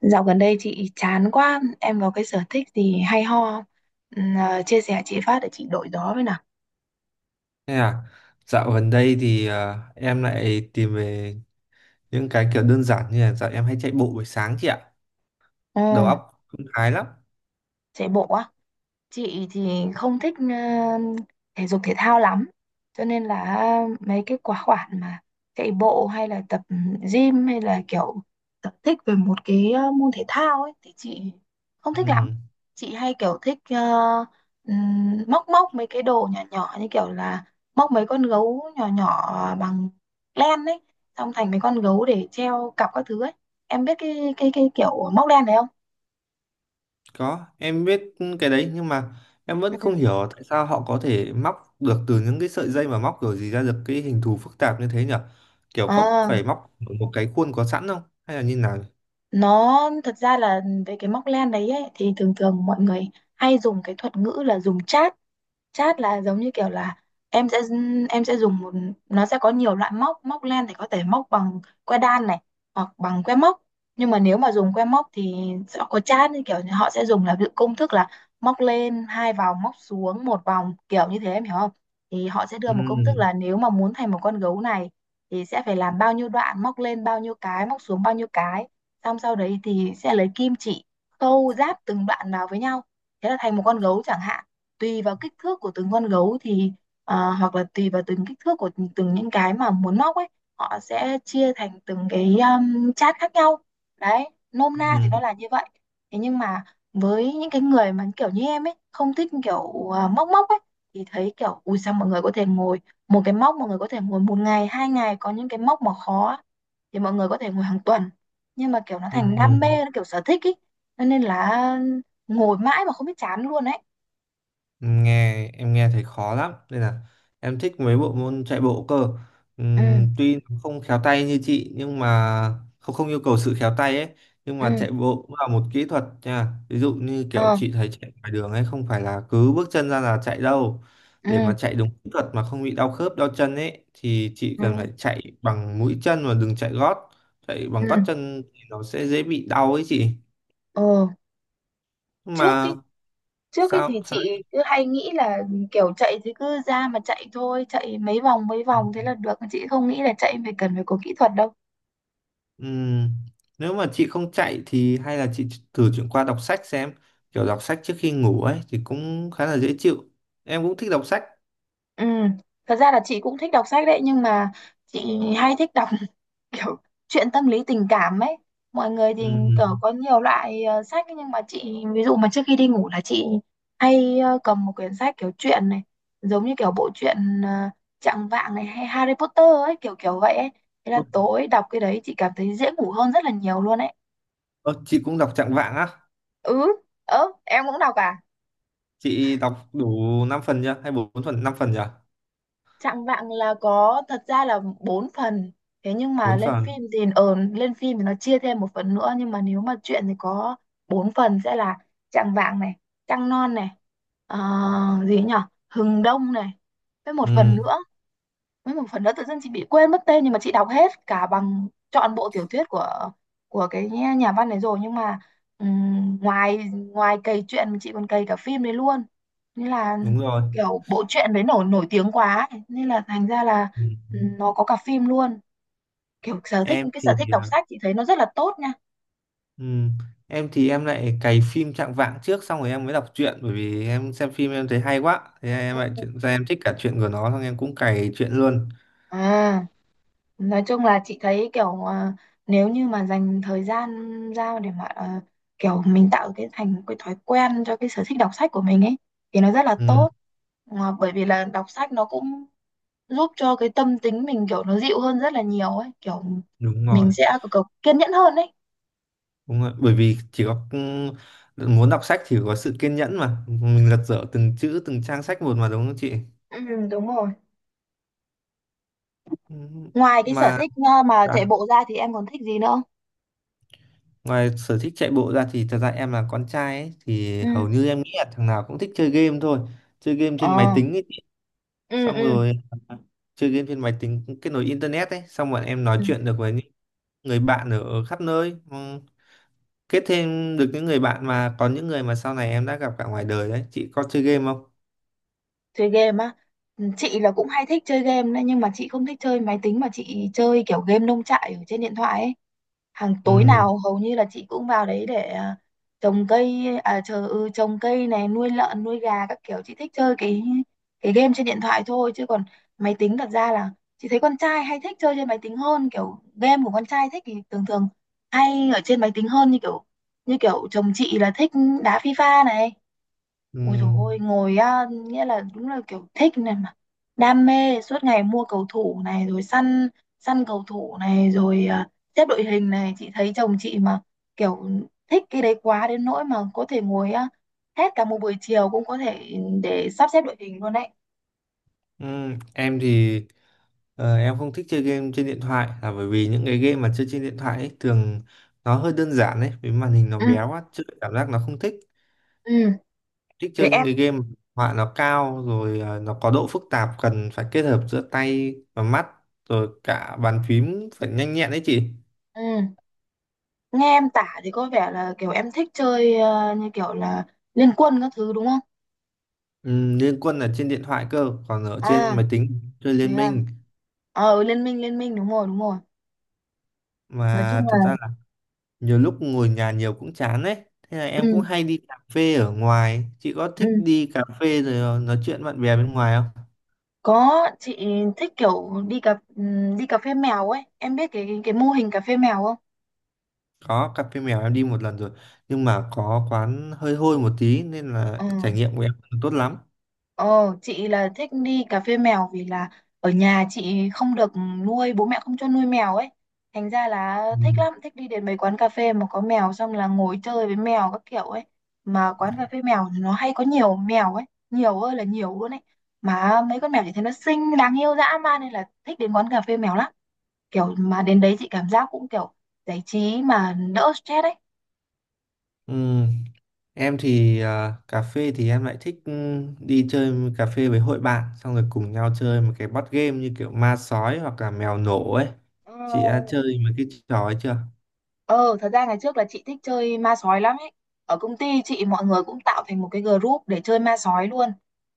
Dạo gần đây chị chán quá, em có cái sở thích gì hay ho không? Chia sẻ chị phát để chị đổi gió với nào. Thế à, Dạo gần đây thì em lại tìm về những cái kiểu đơn giản như là dạo em hay chạy bộ buổi sáng chị ạ. Ừ, Đầu óc cũng thái lắm. chạy bộ á. Chị thì không thích thể dục thể thao lắm, cho nên là mấy cái khóa khoản mà chạy bộ hay là tập gym hay là kiểu tập thích về một cái môn thể thao ấy thì chị không thích Ừ, lắm. Chị hay kiểu thích móc móc mấy cái đồ nhỏ nhỏ như kiểu là móc mấy con gấu nhỏ nhỏ bằng len ấy, xong thành mấy con gấu để treo cặp các thứ ấy. Em biết cái kiểu móc len này không? có, em biết cái đấy nhưng mà em Ừ. vẫn không hiểu tại sao họ có thể móc được từ những cái sợi dây mà móc kiểu gì ra được cái hình thù phức tạp như thế nhở? Kiểu có à phải móc ở một cái khuôn có sẵn không? Hay là như nào? nó thật ra là về cái móc len đấy ấy, thì thường thường mọi người hay dùng cái thuật ngữ là dùng chát. Chát là giống như kiểu là em sẽ dùng một, nó sẽ có nhiều loại móc, móc len thì có thể móc bằng que đan này hoặc bằng que móc. Nhưng mà nếu mà dùng que móc thì sẽ có chát, như kiểu như họ sẽ dùng là ví dụ công thức là móc lên hai vòng, móc xuống một vòng, kiểu như thế em hiểu không? Thì họ sẽ đưa Ừ, một công thức là nếu mà muốn thành một con gấu này thì sẽ phải làm bao nhiêu đoạn, móc lên bao nhiêu cái, móc xuống bao nhiêu cái, xong sau đấy thì sẽ lấy kim chỉ câu ráp từng đoạn vào với nhau, thế là thành một con gấu chẳng hạn. Tùy vào kích thước của từng con gấu thì hoặc là tùy vào từng kích thước của từng những cái mà muốn móc ấy, họ sẽ chia thành từng cái chát khác nhau. Đấy, nôm na thì ừ, nó là như vậy. Thế nhưng mà với những cái người mà kiểu như em ấy không thích kiểu móc móc ấy, thì thấy kiểu ui sao mọi người có thể ngồi một cái móc, mọi người có thể ngồi một ngày hai ngày, có những cái móc mà khó á, thì mọi người có thể ngồi hàng tuần. Nhưng mà kiểu nó ừ. thành đam Ừ. mê, nó kiểu sở thích ý. Cho nên là ngồi mãi mà không biết chán luôn ấy. Nghe em nghe thấy khó lắm nên là em thích mấy bộ môn chạy bộ cơ. Ừ. Tuy nó không khéo tay như chị nhưng mà không không yêu cầu sự khéo tay ấy. Nhưng mà Ừ. chạy bộ cũng là một kỹ thuật nha, ví dụ như kiểu Ờ. chị thấy chạy ngoài đường ấy, không phải là cứ bước chân ra là chạy đâu. Để Ừ. mà chạy đúng kỹ thuật mà không bị đau khớp đau chân ấy thì chị Ừ. cần phải chạy bằng mũi chân và đừng chạy gót. Chạy bằng gót Ừ. chân thì nó sẽ dễ bị đau ấy chị. Ờ. Nhưng trước cái mà Trước cái thì sao sao. chị cứ hay nghĩ là kiểu chạy thì cứ ra mà chạy thôi, chạy mấy vòng thế là được, chị không nghĩ là chạy phải cần phải có kỹ thuật đâu. Ừm, Nếu mà chị không chạy thì hay là chị thử chuyển qua đọc sách xem, kiểu đọc sách trước khi ngủ ấy thì cũng khá là dễ chịu. Em cũng thích đọc sách. Ừ. Thật ra là chị cũng thích đọc sách đấy, nhưng mà chị hay thích đọc kiểu chuyện tâm lý tình cảm ấy. Mọi người thì kiểu Ừm. có nhiều loại sách ấy, nhưng mà chị ví dụ mà trước khi đi ngủ là chị hay cầm một quyển sách kiểu truyện này, giống như kiểu bộ truyện, uh, Trạng Vạng này hay Harry Potter ấy, kiểu kiểu vậy ấy. Thế là Ơ, tối đọc cái đấy chị cảm thấy dễ ngủ hơn rất là nhiều luôn ấy. ơ, chị cũng đọc Trạng Vạng á? Ừ. Ớ, em cũng đọc à? Chị đọc đủ 5 phần chưa hay 4 phần, 5 phần chưa? Chạng Vạng là có, thật ra là bốn phần. Thế nhưng mà Bốn lên phần. phim thì nó chia thêm một phần nữa, nhưng mà nếu mà truyện thì có bốn phần sẽ là Chạng Vạng này, Trăng Non này, ờ, gì nhỉ, Hừng Đông này, với một phần Ừm, nữa với một phần nữa tự dưng chị bị quên mất tên, nhưng mà chị đọc hết cả bằng trọn bộ tiểu thuyết của cái nhà nhà văn này rồi. Nhưng mà ngoài ngoài cày truyện chị còn cày cả phim đấy luôn, nên là đúng rồi. kiểu bộ truyện đấy nổi nổi tiếng quá ấy. Nên là thành ra là, Ừm. Nó có cả phim luôn. Kiểu sở thích, Em cái sở thì thích đọc sách chị thấy nó rất là tốt nha. ừm, em thì em lại cày phim Trạng Vạng trước xong rồi em mới đọc truyện, bởi vì em xem phim em thấy hay quá, thế em lại Ừ. chuyển ra em thích cả truyện của nó, xong em cũng cày truyện luôn. à nói chung là chị thấy kiểu, nếu như mà dành thời gian ra để mà kiểu mình tạo cái thành cái thói quen cho cái sở thích đọc sách của mình ấy thì nó rất là Ừm, tốt. Mà bởi vì là đọc sách nó cũng giúp cho cái tâm tính mình kiểu nó dịu hơn rất là nhiều ấy, kiểu đúng mình rồi. sẽ kiểu kiên nhẫn hơn ấy. Đúng rồi. Bởi vì chỉ có muốn đọc sách thì phải có sự kiên nhẫn mà mình lật dở từng chữ từng trang sách một mà, đúng không chị? Ừ, đúng rồi. Ừ. Ngoài cái sở Mà thích mà chạy đã, bộ ra thì em còn thích gì nữa không? ngoài sở thích chạy bộ ra thì thật ra em là con trai ấy, thì Ừ. hầu như em nghĩ là thằng nào cũng thích chơi game thôi, chơi game trên máy Ờ. tính ấy chị. Ừ. Xong Ừ. rồi à, chơi game trên máy tính kết nối internet ấy, xong bọn em nói chuyện được với những người bạn ở khắp nơi. Ừ, kết thêm được những người bạn mà còn những người mà sau này em đã gặp cả ngoài đời đấy. Chị có chơi game không? Chơi game á? Ừ, chị là cũng hay thích chơi game đấy, nhưng mà chị không thích chơi máy tính mà chị chơi kiểu game nông trại ở trên điện thoại ấy. Hàng tối Ừ. nào hầu như là chị cũng vào đấy để trồng cây, à chờ, trồng cây này, nuôi lợn nuôi gà các kiểu. Chị thích chơi cái game trên điện thoại thôi, chứ còn máy tính thật ra là chị thấy con trai hay thích chơi trên máy tính hơn, kiểu game của con trai thích thì thường thường hay ở trên máy tính hơn, như kiểu chồng chị là thích đá FIFA này. Ừ. Ôi dồi ôi, ngồi á, nghĩa là đúng là kiểu thích này mà. Đam mê, suốt ngày mua cầu thủ này, rồi săn săn cầu thủ này, rồi xếp đội hình này. Chị thấy chồng chị mà kiểu thích cái đấy quá đến nỗi mà có thể ngồi á, hết cả một buổi chiều cũng có thể để sắp xếp đội hình luôn đấy. Em thì em không thích chơi game trên điện thoại là bởi vì những cái game mà chơi trên điện thoại ấy, thường nó hơi đơn giản ấy, vì màn hình nó Ừ. bé quá chơi cảm giác nó không thích. Ừ. Thích Thế chơi những em. cái game mà họa nó cao, rồi nó có độ phức tạp cần phải kết hợp giữa tay và mắt rồi cả bàn phím phải nhanh nhẹn đấy chị. Ừ. Nghe em tả thì có vẻ là kiểu em thích chơi như kiểu là Liên Quân các thứ đúng không? Liên Quân là trên điện thoại cơ, còn ở trên À, máy tính chơi thế Liên à. Minh. Ờ, ừ, Liên Minh, Liên Minh, đúng rồi, đúng rồi. Nói chung Mà là... thật ra nhiều lúc ngồi nhà nhiều cũng chán đấy, thế là Ừ. em cũng hay đi cà phê ở ngoài. Chị có Ừ. thích đi cà phê rồi nói chuyện bạn bè bên ngoài không? Có, chị thích kiểu đi cà phê mèo ấy. Em biết cái mô hình cà phê mèo không? Có cà phê mèo em đi một lần rồi, nhưng mà có quán hơi hôi một tí nên Ừ. là trải nghiệm của em không tốt lắm. Ờ, chị là thích đi cà phê mèo vì là ở nhà chị không được nuôi, bố mẹ không cho nuôi mèo ấy. Thành ra là Ừ. thích lắm, thích đi đến mấy quán cà phê mà có mèo, xong là ngồi chơi với mèo các kiểu ấy. Mà quán cà phê mèo thì nó hay có nhiều mèo ấy, nhiều ơi là nhiều luôn ấy. Mà mấy con mèo chị thấy nó xinh, đáng yêu dã man, nên là thích đến quán cà phê mèo lắm. Kiểu mà đến đấy chị cảm giác cũng kiểu giải trí mà đỡ stress ấy. Ừ, em thì cà phê thì em lại thích đi chơi cà phê với hội bạn xong rồi cùng nhau chơi một cái board game như kiểu ma sói hoặc là mèo nổ ấy. Chị đã Ờ. chơi mấy cái trò ấy chưa? Ờ, thật ra ngày trước là chị thích chơi ma sói lắm ấy. Ở công ty chị mọi người cũng tạo thành một cái group để chơi ma sói luôn.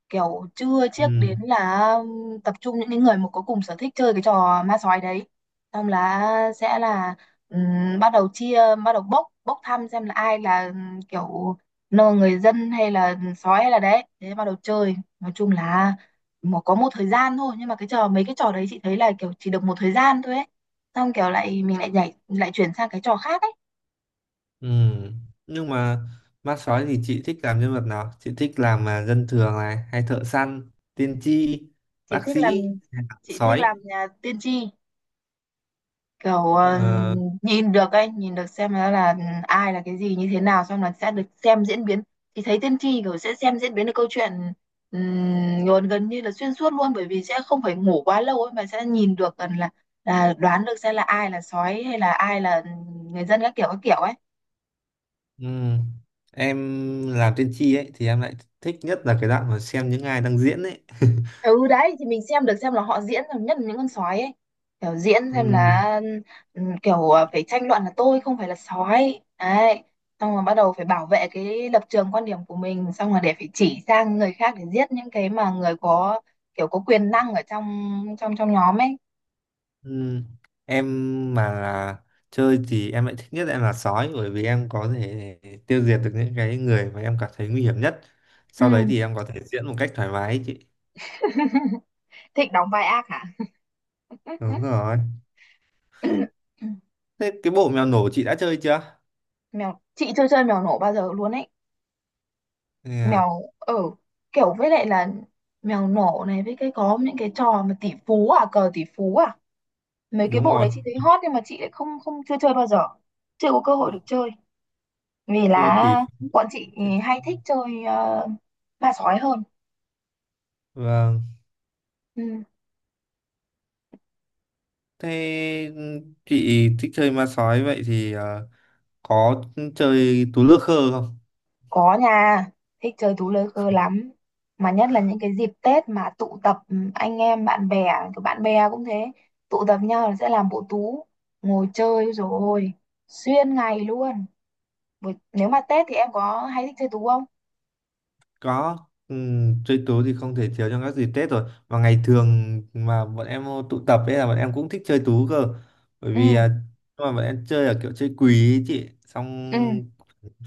Kiểu chưa chiếc đến Ừ. là tập trung những cái người mà có cùng sở thích chơi cái trò ma sói đấy. Xong là sẽ là, bắt đầu chia, bắt đầu bốc, bốc thăm xem là ai là, kiểu nô người dân hay là sói hay là đấy. Thế bắt đầu chơi. Nói chung là có một thời gian thôi. Nhưng mà cái trò mấy cái trò đấy chị thấy là kiểu chỉ được một thời gian thôi ấy, xong kiểu lại mình lại nhảy, lại chuyển sang cái trò khác ấy. Ừ. Nhưng mà ma sói thì chị thích làm nhân vật nào? Chị thích làm mà dân thường này, hay thợ săn, tiên tri, chị bác thích làm sĩ, chị thích sói. làm nhà tiên tri, kiểu Ờ, nhìn được ấy, nhìn được xem nó là ai là cái gì như thế nào, xong là sẽ được xem diễn biến, thì thấy tiên tri kiểu sẽ xem diễn biến được câu chuyện, gần gần như là xuyên suốt luôn, bởi vì sẽ không phải ngủ quá lâu ấy mà sẽ nhìn được gần là đoán được xem là ai là sói hay là ai là người dân các kiểu ấy. ừ. Em làm tiên tri ấy thì em lại thích nhất là cái đoạn mà xem những ai đang diễn ấy. Ừ, đấy thì mình xem được xem là họ diễn rồi, nhất là những con sói ấy, kiểu diễn xem Ừ. là, kiểu phải tranh luận là tôi không phải là sói đấy, xong rồi bắt đầu phải bảo vệ cái lập trường quan điểm của mình, xong rồi để phải chỉ sang người khác để giết những cái mà người có kiểu có quyền năng ở trong trong trong nhóm ấy. Ừ. Em mà là chơi thì em lại thích nhất em là sói, bởi vì em có thể tiêu diệt được những cái người mà em cảm thấy nguy hiểm nhất. Ừ. Sau đấy thì em có thể diễn một cách thoải mái ấy chị. Thích đóng vai ác hả? Đúng rồi. Thế cái bộ mèo nổ chị đã chơi chưa? Chị chưa chơi mèo nổ bao giờ luôn ấy. À, Mèo ở Kiểu với lại là mèo nổ này với cái, có những cái trò mà tỷ phú à cờ tỷ phú, mấy cái đúng bộ rồi. đấy chị thấy hot nhưng mà chị lại không không chưa chơi bao giờ, chưa có cơ hội được Ô, chơi vì Cơ tỷ là phú. bọn chị Chết. hay thích chơi ma sói hơn. Vâng. Ừ, Thế chị thích chơi ma sói vậy thì có chơi tú lơ khơ không? có, nhà thích chơi tú lơ khơ lắm, mà nhất là những cái dịp Tết mà tụ tập anh em bạn bè, kiểu bạn bè cũng thế, tụ tập nhau là sẽ làm bộ tú, ngồi chơi rồi xuyên ngày luôn. Nếu mà Tết thì em có hay thích chơi tú không? Có. Chơi tú thì không thể thiếu trong các dịp Tết rồi. Và ngày thường mà bọn em tụ tập ấy là bọn em cũng thích chơi tú cơ. Bởi Ừ. vì à, nhưng mà bọn em chơi là kiểu chơi quỳ ấy chị. Ừ. Xong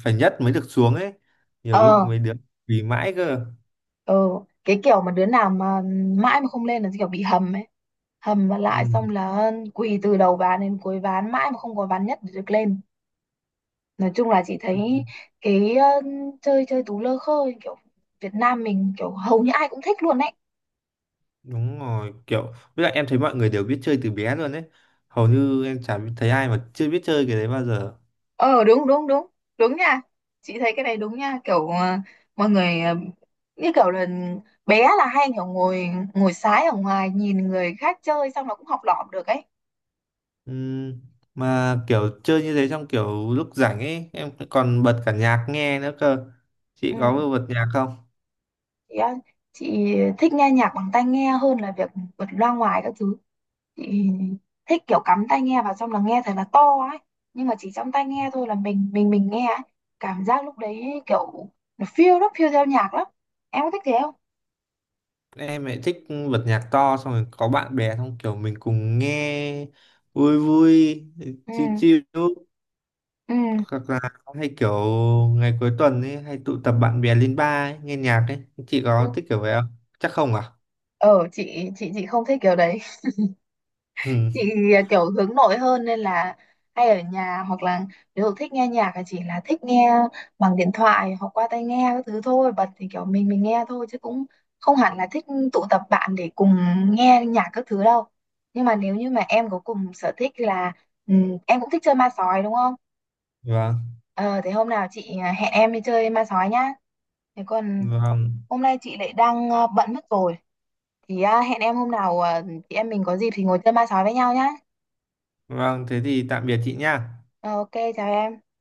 phải nhất mới được xuống ấy. Nhiều Ờ. lúc mấy đứa quỳ mãi cơ. Ờ. Cái kiểu mà đứa nào mà mãi mà không lên là kiểu bị hầm ấy, hầm mà lại xong Ừ. là quỳ từ đầu ván đến cuối ván, mãi mà không có ván nhất để được lên. Nói chung là chị thấy cái chơi chơi tú lơ khơ kiểu Việt Nam mình, kiểu hầu như ai cũng thích luôn ấy. Đúng rồi, kiểu với lại em thấy mọi người đều biết chơi từ bé luôn đấy. Hầu như em chả thấy ai mà chưa biết chơi cái đấy bao giờ. Ờ, đúng, đúng, đúng, đúng nha. Chị thấy cái này đúng nha, kiểu mọi người như kiểu là bé là hay kiểu ngồi ngồi sái ở ngoài nhìn người khác chơi, xong nó cũng học lỏm được ấy. Ừm, mà kiểu chơi như thế trong kiểu lúc rảnh ấy, em còn bật cả nhạc nghe nữa cơ. Chị Ừ, có bật nhạc không? chị, á- chị thích nghe nhạc bằng tai nghe hơn là việc bật loa ngoài các thứ. Chị thích kiểu cắm tai nghe vào xong là nghe thật là to ấy, nhưng mà chỉ trong tai nghe thôi là mình nghe ấy. Cảm giác lúc đấy kiểu nó phiêu lắm, phiêu theo nhạc lắm. Em có thích thế không? Em lại thích bật nhạc to xong rồi có bạn bè xong kiểu mình cùng nghe, vui vui, Ừ. chill chill, Ừ. hoặc là hay kiểu ngày cuối tuần ấy hay tụ tập bạn bè lên bar ấy, nghe nhạc ấy. Chị Ừ. có thích kiểu vậy không? Chắc không à? Ờ, chị không thích kiểu đấy. Ừ. Chị kiểu hướng nội hơn nên là hay ở nhà, hoặc là nếu thích nghe nhạc thì chỉ là thích nghe bằng điện thoại hoặc qua tai nghe các thứ thôi, bật thì kiểu mình nghe thôi chứ cũng không hẳn là thích tụ tập bạn để cùng nghe nhạc các thứ đâu. Nhưng mà nếu như mà em có cùng sở thích là, em cũng thích chơi ma sói đúng không? Vâng. Ờ, thế hôm nào chị hẹn em đi chơi ma sói nhá. Thế còn Vâng, hôm nay chị lại đang bận mất rồi. Thì hẹn em hôm nào, chị em mình có dịp thì ngồi chơi ma sói với nhau nhá. vâng, thế thì tạm biệt chị nha. Ờ, ok, chào em.